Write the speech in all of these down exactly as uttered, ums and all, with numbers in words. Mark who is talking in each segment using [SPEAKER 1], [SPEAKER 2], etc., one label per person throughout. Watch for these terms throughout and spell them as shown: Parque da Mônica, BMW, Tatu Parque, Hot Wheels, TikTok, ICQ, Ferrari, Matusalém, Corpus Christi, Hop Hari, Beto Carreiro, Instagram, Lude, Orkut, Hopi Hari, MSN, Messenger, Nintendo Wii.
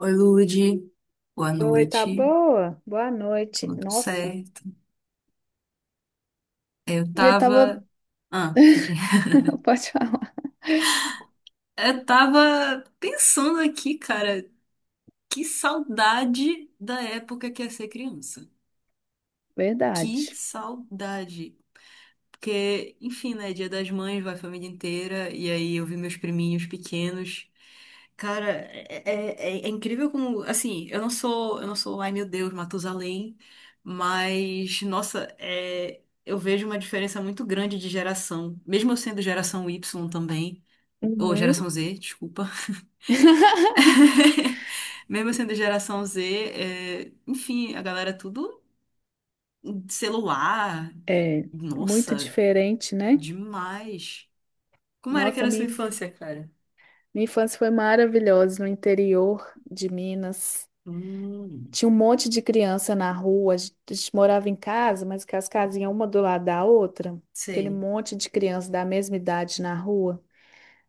[SPEAKER 1] Oi, Lude. Boa
[SPEAKER 2] Oi, tá
[SPEAKER 1] noite.
[SPEAKER 2] boa? Boa noite.
[SPEAKER 1] Tudo
[SPEAKER 2] Nossa.
[SPEAKER 1] certo? Eu
[SPEAKER 2] E eu tava.
[SPEAKER 1] tava. Ah, de-
[SPEAKER 2] Pode falar.
[SPEAKER 1] eu tava pensando aqui, cara, que saudade da época que é ser criança. Que
[SPEAKER 2] Verdade.
[SPEAKER 1] saudade. Porque, enfim, né? Dia das Mães, vai a família inteira. E aí eu vi meus priminhos pequenos. Cara, é, é, é- é incrível como, assim, eu não sou, eu não sou, ai meu Deus, Matusalém, mas, nossa, é, eu vejo uma diferença muito grande de geração, mesmo eu sendo geração Y também, ou
[SPEAKER 2] Uhum.
[SPEAKER 1] geração Z, desculpa. Mesmo eu sendo geração Z, é, enfim, a galera tudo celular,
[SPEAKER 2] É muito
[SPEAKER 1] nossa,
[SPEAKER 2] diferente, né?
[SPEAKER 1] demais. Como era que
[SPEAKER 2] Nossa,
[SPEAKER 1] era a
[SPEAKER 2] minha,
[SPEAKER 1] sua
[SPEAKER 2] inf-
[SPEAKER 1] infância, cara?
[SPEAKER 2] minha infância foi maravilhosa no interior de Minas.
[SPEAKER 1] Hum,
[SPEAKER 2] Tinha um monte de criança na rua. A gente, a gente morava em casa, mas que as casinhas uma do lado da outra. Aquele
[SPEAKER 1] sei,
[SPEAKER 2] monte de criança da mesma idade na rua.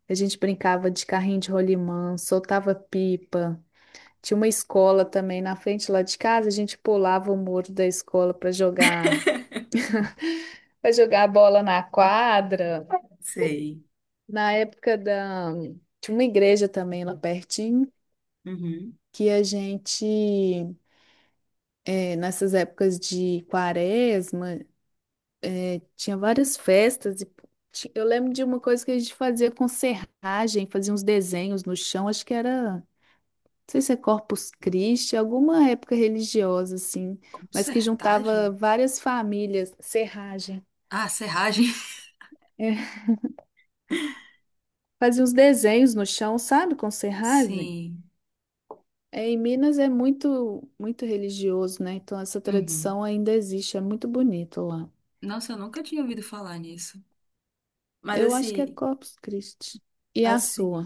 [SPEAKER 2] A gente brincava de carrinho de rolimã, soltava pipa. Tinha uma escola também na frente lá de casa, a gente pulava o muro da escola para jogar, para jogar bola na quadra.
[SPEAKER 1] sei.
[SPEAKER 2] Na época da tinha uma igreja também lá pertinho
[SPEAKER 1] Uhum.
[SPEAKER 2] que a gente, eh, nessas épocas de quaresma, tinha várias festas e ti- eu lembro de uma coisa que a gente fazia com serragem, fazia uns desenhos no chão, acho que era sei se é Corpus Christi, alguma época religiosa, assim, mas que juntava
[SPEAKER 1] Consertagem?
[SPEAKER 2] várias famílias. Serragem.
[SPEAKER 1] Ah, serragem.
[SPEAKER 2] É, fazia uns desenhos no chão, sabe, com serragem.
[SPEAKER 1] Sim.
[SPEAKER 2] É, em Minas é muito, muito religioso, né? Então essa
[SPEAKER 1] Uhum.
[SPEAKER 2] tradição ainda existe, é muito bonito lá.
[SPEAKER 1] Nossa, eu nunca tinha ouvido falar nisso. Mas
[SPEAKER 2] Eu acho que é
[SPEAKER 1] assim,
[SPEAKER 2] Corpus Christi. E a
[SPEAKER 1] assim.
[SPEAKER 2] sua?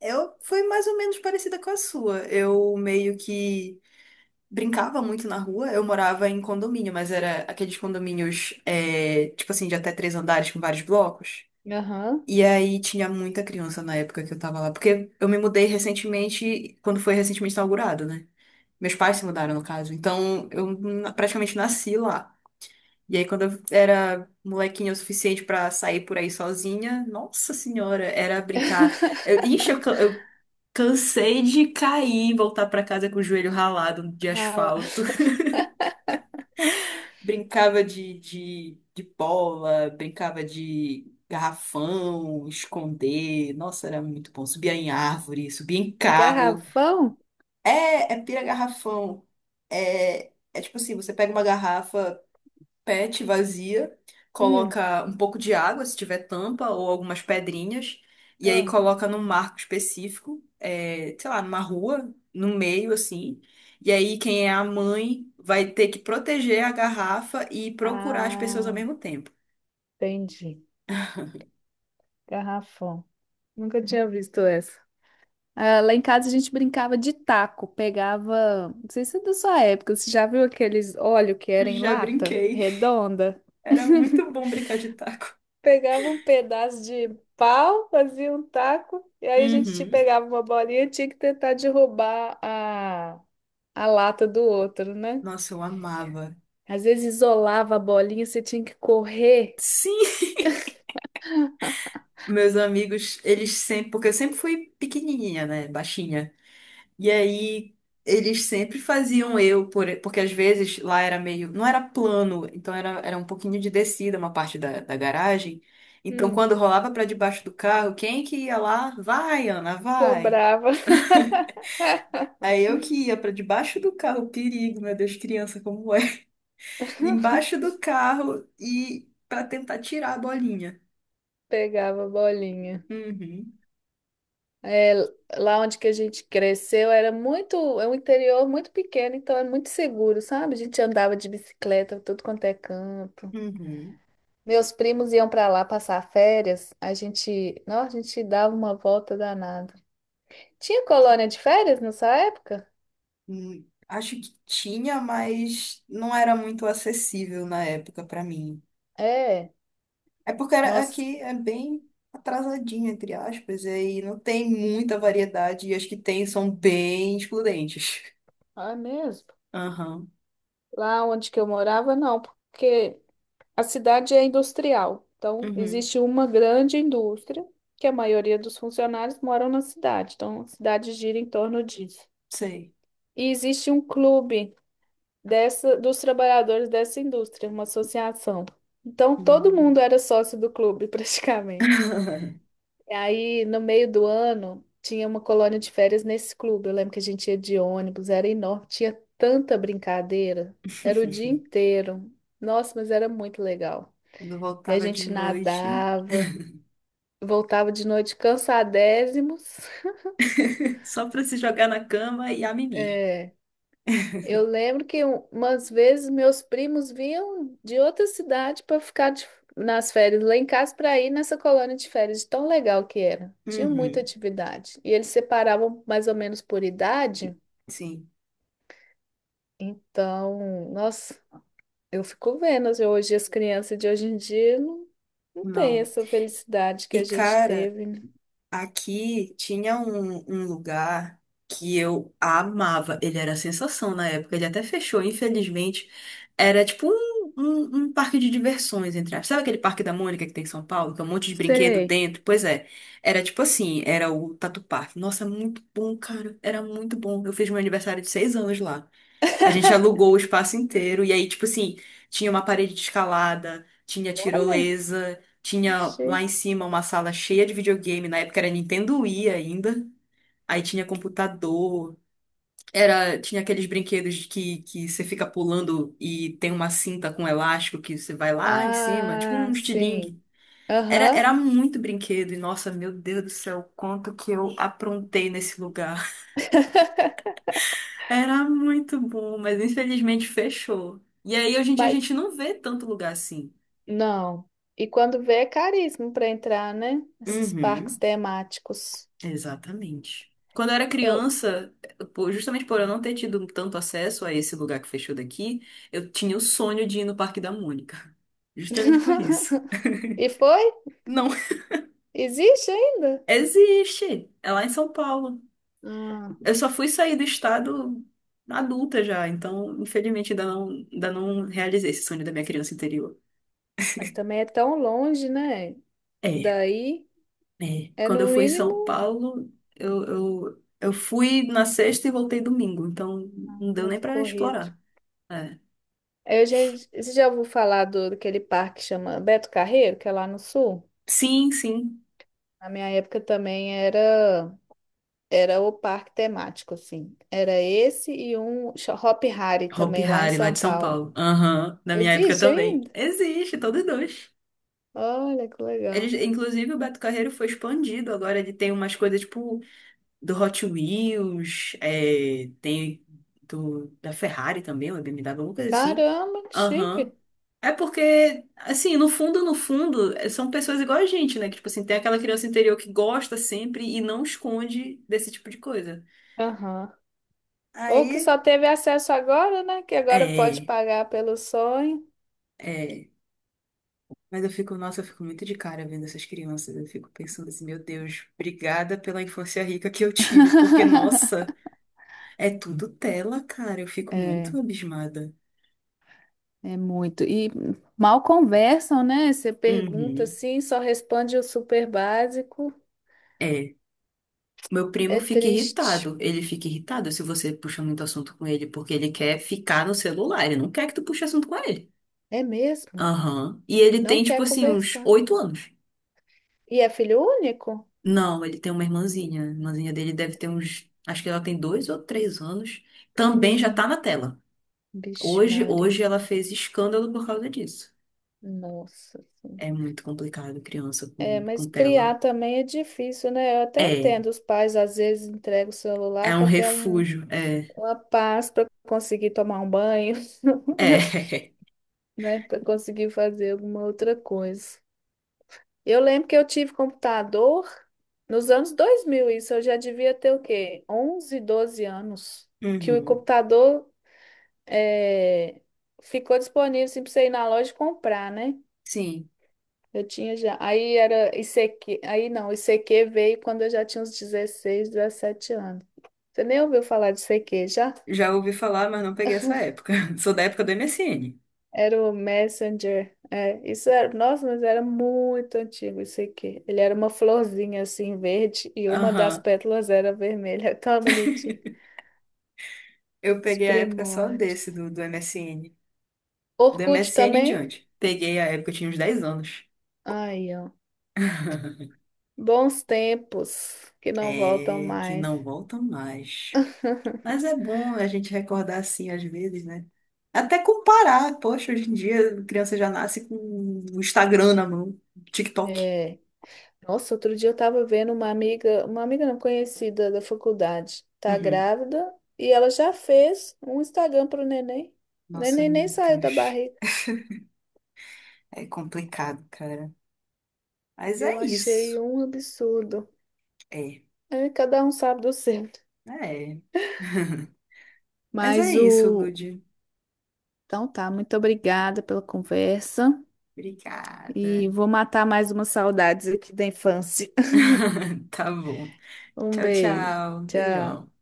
[SPEAKER 1] Eu fui mais ou menos parecida com a sua. Eu meio que brincava muito na rua. Eu morava em condomínio, mas era aqueles condomínios, é, tipo assim, de até três andares com vários blocos.
[SPEAKER 2] Aham.
[SPEAKER 1] E aí tinha muita criança na época que eu tava lá, porque eu me mudei recentemente, quando foi recentemente inaugurado, né? Meus pais se mudaram, no caso. Então, eu na- praticamente nasci lá. E aí, quando eu era molequinha o suficiente pra sair por aí sozinha, nossa senhora, era brincar. Eu, ixi, eu, ca- eu cansei de cair e voltar pra casa com o joelho ralado de
[SPEAKER 2] Rala.
[SPEAKER 1] asfalto. Brincava de, de, de bola, brincava de garrafão, esconder. Nossa, era muito bom. Subia em árvore, subia em carro.
[SPEAKER 2] Garrafão?
[SPEAKER 1] É, é pira garrafão. É, é tipo assim, você pega uma garrafa pet vazia,
[SPEAKER 2] Hum,
[SPEAKER 1] coloca um pouco de água, se tiver tampa, ou algumas pedrinhas, e aí
[SPEAKER 2] tô.
[SPEAKER 1] coloca num marco específico, é, sei lá, numa rua, no meio assim. E aí quem é a mãe vai ter que proteger a garrafa e procurar as pessoas ao
[SPEAKER 2] Ah,
[SPEAKER 1] mesmo tempo.
[SPEAKER 2] entendi. Garrafão. Nunca tinha visto essa. Ah, lá em casa a gente brincava de taco, pegava, não sei se é da sua época, você já viu aqueles óleo que era em
[SPEAKER 1] Já
[SPEAKER 2] lata
[SPEAKER 1] brinquei.
[SPEAKER 2] redonda?
[SPEAKER 1] Era muito bom brincar de taco.
[SPEAKER 2] Pegava um pedaço de pau, fazia um taco, e aí a gente te
[SPEAKER 1] Uhum.
[SPEAKER 2] pegava uma bolinha e tinha que tentar derrubar a, a lata do outro, né?
[SPEAKER 1] Nossa, eu amava.
[SPEAKER 2] Às vezes isolava a bolinha, você tinha que correr,
[SPEAKER 1] Sim, meus amigos, eles sempre, porque eu sempre fui pequenininha, né, baixinha. E aí eles sempre faziam eu, por, porque às vezes lá era meio, não era plano, então era, era um pouquinho de descida uma parte da, da garagem. Então
[SPEAKER 2] hum,
[SPEAKER 1] quando rolava pra debaixo do carro, quem que ia lá? Vai, Ana, vai.
[SPEAKER 2] sobrava,
[SPEAKER 1] Aí eu que ia pra debaixo do carro, perigo, meu Deus, criança como é. Embaixo do carro e pra tentar tirar a bolinha.
[SPEAKER 2] pegava a bolinha.
[SPEAKER 1] Uhum,
[SPEAKER 2] É, lá onde que a gente cresceu era muito, é um interior muito pequeno, então é muito seguro, sabe? A gente andava de bicicleta, tudo quanto é canto.
[SPEAKER 1] uhum.
[SPEAKER 2] Meus primos iam para lá passar férias, a gente, não, a gente dava uma volta danada. Tinha colônia de férias nessa época?
[SPEAKER 1] Hum, Acho que tinha, mas não era muito acessível na época pra mim.
[SPEAKER 2] É,
[SPEAKER 1] É porque era-
[SPEAKER 2] nós,
[SPEAKER 1] aqui é bem atrasadinha, entre aspas, e aí não tem muita variedade, e as que tem são bem excludentes.
[SPEAKER 2] ah, é mesmo.
[SPEAKER 1] Aham.
[SPEAKER 2] Lá onde que eu morava, não, porque a cidade é industrial, então
[SPEAKER 1] Uhum.
[SPEAKER 2] existe uma grande indústria, que a maioria dos funcionários moram na cidade, então a cidade gira em torno disso.
[SPEAKER 1] Sei.
[SPEAKER 2] E existe um clube dessa, dos trabalhadores dessa indústria, uma associação. Então todo
[SPEAKER 1] Hum.
[SPEAKER 2] mundo era sócio do clube, praticamente. E aí, no meio do ano, tinha uma colônia de férias nesse clube. Eu lembro que a gente ia de ônibus, era enorme, tinha tanta brincadeira, era o dia inteiro. Nossa, mas era muito legal.
[SPEAKER 1] Quando eu
[SPEAKER 2] E a
[SPEAKER 1] voltava de
[SPEAKER 2] gente
[SPEAKER 1] noite,
[SPEAKER 2] nadava, voltava de noite cansadésimos.
[SPEAKER 1] só pra se jogar na cama e a mimir.
[SPEAKER 2] É, eu lembro que um- umas vezes meus primos vinham de outra cidade para ficar de- nas férias lá em casa para ir nessa colônia de férias, de tão legal que era. Tinha muita
[SPEAKER 1] Uhum.
[SPEAKER 2] atividade. E eles separavam mais ou menos por idade.
[SPEAKER 1] Sim.
[SPEAKER 2] Então, nossa, eu fico vendo assim, hoje as crianças de hoje em dia não, não têm
[SPEAKER 1] Não.
[SPEAKER 2] essa felicidade que a
[SPEAKER 1] E,
[SPEAKER 2] gente
[SPEAKER 1] cara.
[SPEAKER 2] teve, né?
[SPEAKER 1] Aqui tinha um, um lugar que eu amava. Ele era a sensação na época. Ele até fechou, infelizmente. Era tipo um, um, um parque de diversões, entre aspas. Sabe aquele Parque da Mônica que tem em São Paulo? Que é um monte de brinquedo
[SPEAKER 2] Sei.
[SPEAKER 1] dentro? Pois é. Era tipo assim, era o Tatu Parque. Nossa, muito bom, cara. Era muito bom. Eu fiz meu aniversário de seis anos lá. A gente alugou o espaço inteiro. E aí, tipo assim, tinha uma parede de escalada, tinha
[SPEAKER 2] Olha,
[SPEAKER 1] tirolesa, tinha lá
[SPEAKER 2] achei.
[SPEAKER 1] em cima uma sala cheia de videogame. Na época era Nintendo Wii ainda. Aí tinha computador, era, tinha aqueles brinquedos de que, que você fica pulando e tem uma cinta com elástico que você vai lá em cima, tipo
[SPEAKER 2] Ah,
[SPEAKER 1] um
[SPEAKER 2] sim.
[SPEAKER 1] estilingue. Era,
[SPEAKER 2] Aham.
[SPEAKER 1] era muito brinquedo, e nossa, meu Deus do céu, quanto que eu aprontei nesse lugar. Era muito bom, mas infelizmente fechou. E aí, hoje em dia, a
[SPEAKER 2] Mas
[SPEAKER 1] gente não vê tanto lugar assim.
[SPEAKER 2] não. E quando vê é caríssimo para entrar, né? Esses parques
[SPEAKER 1] Uhum.
[SPEAKER 2] temáticos.
[SPEAKER 1] Exatamente. Quando eu era
[SPEAKER 2] Eu.
[SPEAKER 1] criança, por- justamente por eu não ter tido tanto acesso a esse lugar que fechou daqui, eu tinha o sonho de ir no Parque da Mônica. Justamente por isso.
[SPEAKER 2] E foi?
[SPEAKER 1] Não.
[SPEAKER 2] Existe ainda?
[SPEAKER 1] Existe! É lá em São Paulo.
[SPEAKER 2] Ah,
[SPEAKER 1] Eu só fui sair do estado adulta já, então, infelizmente, ainda não, ainda não realizei esse sonho da minha criança interior.
[SPEAKER 2] mas também é tão longe, né?
[SPEAKER 1] É.
[SPEAKER 2] Daí
[SPEAKER 1] É,
[SPEAKER 2] é
[SPEAKER 1] quando eu
[SPEAKER 2] no
[SPEAKER 1] fui em São
[SPEAKER 2] mínimo
[SPEAKER 1] Paulo, eu, eu, eu fui na sexta e voltei domingo, então não deu nem
[SPEAKER 2] muito
[SPEAKER 1] pra
[SPEAKER 2] corrido.
[SPEAKER 1] explorar. É.
[SPEAKER 2] Eu já, você já ouviu falar do, daquele parque que chama Beto Carreiro, que é lá no sul?
[SPEAKER 1] Sim, sim.
[SPEAKER 2] Na minha época também era. Era o parque temático, assim. Era esse e um cho- Hop Hari
[SPEAKER 1] Hopi
[SPEAKER 2] também, lá em
[SPEAKER 1] Hari, lá de
[SPEAKER 2] São
[SPEAKER 1] São
[SPEAKER 2] Paulo.
[SPEAKER 1] Paulo. Aham, na minha época
[SPEAKER 2] Existe
[SPEAKER 1] também.
[SPEAKER 2] ainda?
[SPEAKER 1] Existe, todos dois.
[SPEAKER 2] Olha que
[SPEAKER 1] Eles,
[SPEAKER 2] legal.
[SPEAKER 1] inclusive, o Beto Carreiro foi expandido. Agora ele tem umas coisas tipo do Hot Wheels, é, tem do, da Ferrari também, ou da B M W, alguma coisa assim.
[SPEAKER 2] Caramba, que
[SPEAKER 1] Aham.
[SPEAKER 2] chique.
[SPEAKER 1] É porque, assim, no fundo, no fundo, eh, são pessoas igual a gente, né? Que, tipo assim, tem aquela criança interior que gosta sempre e não esconde desse tipo de coisa.
[SPEAKER 2] Aham. Ou que
[SPEAKER 1] Aí,
[SPEAKER 2] só teve acesso agora, né? Que agora pode
[SPEAKER 1] é,
[SPEAKER 2] pagar pelo sonho.
[SPEAKER 1] é. Mas eu fico, nossa, eu fico muito de cara vendo essas crianças. Eu fico pensando assim, meu Deus, obrigada pela infância rica que eu tive, porque, nossa, é tudo tela, cara. Eu fico
[SPEAKER 2] É,
[SPEAKER 1] muito abismada.
[SPEAKER 2] é muito. E mal conversam, né? Você pergunta
[SPEAKER 1] Uhum.
[SPEAKER 2] assim, só responde o super básico.
[SPEAKER 1] É. Meu primo
[SPEAKER 2] É
[SPEAKER 1] fica
[SPEAKER 2] triste.
[SPEAKER 1] irritado. Ele fica irritado se você puxa muito assunto com ele, porque ele quer ficar no celular. Ele não quer que tu puxe assunto com ele.
[SPEAKER 2] É mesmo?
[SPEAKER 1] Aham. E ele
[SPEAKER 2] Não
[SPEAKER 1] tem, tipo
[SPEAKER 2] quer
[SPEAKER 1] assim, uns
[SPEAKER 2] conversar.
[SPEAKER 1] oito anos.
[SPEAKER 2] E é filho único?
[SPEAKER 1] Não, ele tem uma irmãzinha. A irmãzinha dele deve ter uns. Acho que ela tem dois ou três anos. Também já tá
[SPEAKER 2] Pequenininho.
[SPEAKER 1] na tela.
[SPEAKER 2] Vixe,
[SPEAKER 1] Hoje,
[SPEAKER 2] Maria.
[SPEAKER 1] hoje ela fez escândalo por causa disso.
[SPEAKER 2] Nossa. Senhora.
[SPEAKER 1] É muito complicado criança
[SPEAKER 2] É,
[SPEAKER 1] com,
[SPEAKER 2] mas
[SPEAKER 1] com tela.
[SPEAKER 2] criar também é difícil, né? Eu até
[SPEAKER 1] É.
[SPEAKER 2] entendo, os pais às vezes entregam o
[SPEAKER 1] É
[SPEAKER 2] celular
[SPEAKER 1] um
[SPEAKER 2] para ter um,
[SPEAKER 1] refúgio. É.
[SPEAKER 2] uma paz para conseguir tomar um banho,
[SPEAKER 1] É.
[SPEAKER 2] né? Para conseguir fazer alguma outra coisa. Eu lembro que eu tive computador nos anos dois mil. Isso eu já devia ter o quê? Onze, doze anos, que o
[SPEAKER 1] Uhum.
[SPEAKER 2] computador, é, ficou disponível assim, para você ir na loja e comprar, né?
[SPEAKER 1] Sim.
[SPEAKER 2] Eu tinha já. Aí era I C Q. Aí não, I C Q veio quando eu já tinha uns dezesseis, dezessete anos. Você nem ouviu falar de I C Q já?
[SPEAKER 1] Já ouvi falar, mas não peguei essa época. Sou da época do M S N.
[SPEAKER 2] Era o Messenger. É, isso era. Nossa, mas era muito antigo isso aqui. Ele era uma florzinha assim, verde, e uma das
[SPEAKER 1] Aham.
[SPEAKER 2] pétalas era vermelha. Tão bonitinho.
[SPEAKER 1] Eu
[SPEAKER 2] Os
[SPEAKER 1] peguei a época só
[SPEAKER 2] primórdios.
[SPEAKER 1] desse, do, do M S N. Do
[SPEAKER 2] Orkut
[SPEAKER 1] M S N em
[SPEAKER 2] também?
[SPEAKER 1] diante. Peguei a época, eu tinha uns dez anos.
[SPEAKER 2] Aí, ó. Bons tempos que não voltam
[SPEAKER 1] É, que
[SPEAKER 2] mais.
[SPEAKER 1] não voltam mais. Mas é bom a gente recordar assim às vezes, né? Até comparar. Poxa, hoje em dia a criança já nasce com o Instagram na mão, TikTok.
[SPEAKER 2] É. Nossa, outro dia eu tava vendo uma amiga, uma amiga não conhecida da faculdade, tá
[SPEAKER 1] Uhum.
[SPEAKER 2] grávida e ela já fez um Instagram pro neném. O
[SPEAKER 1] Nossa,
[SPEAKER 2] neném nem
[SPEAKER 1] meu
[SPEAKER 2] saiu da
[SPEAKER 1] Deus.
[SPEAKER 2] barriga.
[SPEAKER 1] É complicado, cara. Mas
[SPEAKER 2] Eu
[SPEAKER 1] é
[SPEAKER 2] achei
[SPEAKER 1] isso.
[SPEAKER 2] um absurdo.
[SPEAKER 1] É.
[SPEAKER 2] É, cada um sabe do seu.
[SPEAKER 1] É. Mas é
[SPEAKER 2] Mas
[SPEAKER 1] isso,
[SPEAKER 2] o.
[SPEAKER 1] Lud.
[SPEAKER 2] Então tá, muito obrigada pela conversa
[SPEAKER 1] Obrigada.
[SPEAKER 2] e vou matar mais umas saudades aqui da infância.
[SPEAKER 1] Tá bom.
[SPEAKER 2] Um
[SPEAKER 1] Tchau,
[SPEAKER 2] beijo.
[SPEAKER 1] tchau.
[SPEAKER 2] Tchau.
[SPEAKER 1] Beijão.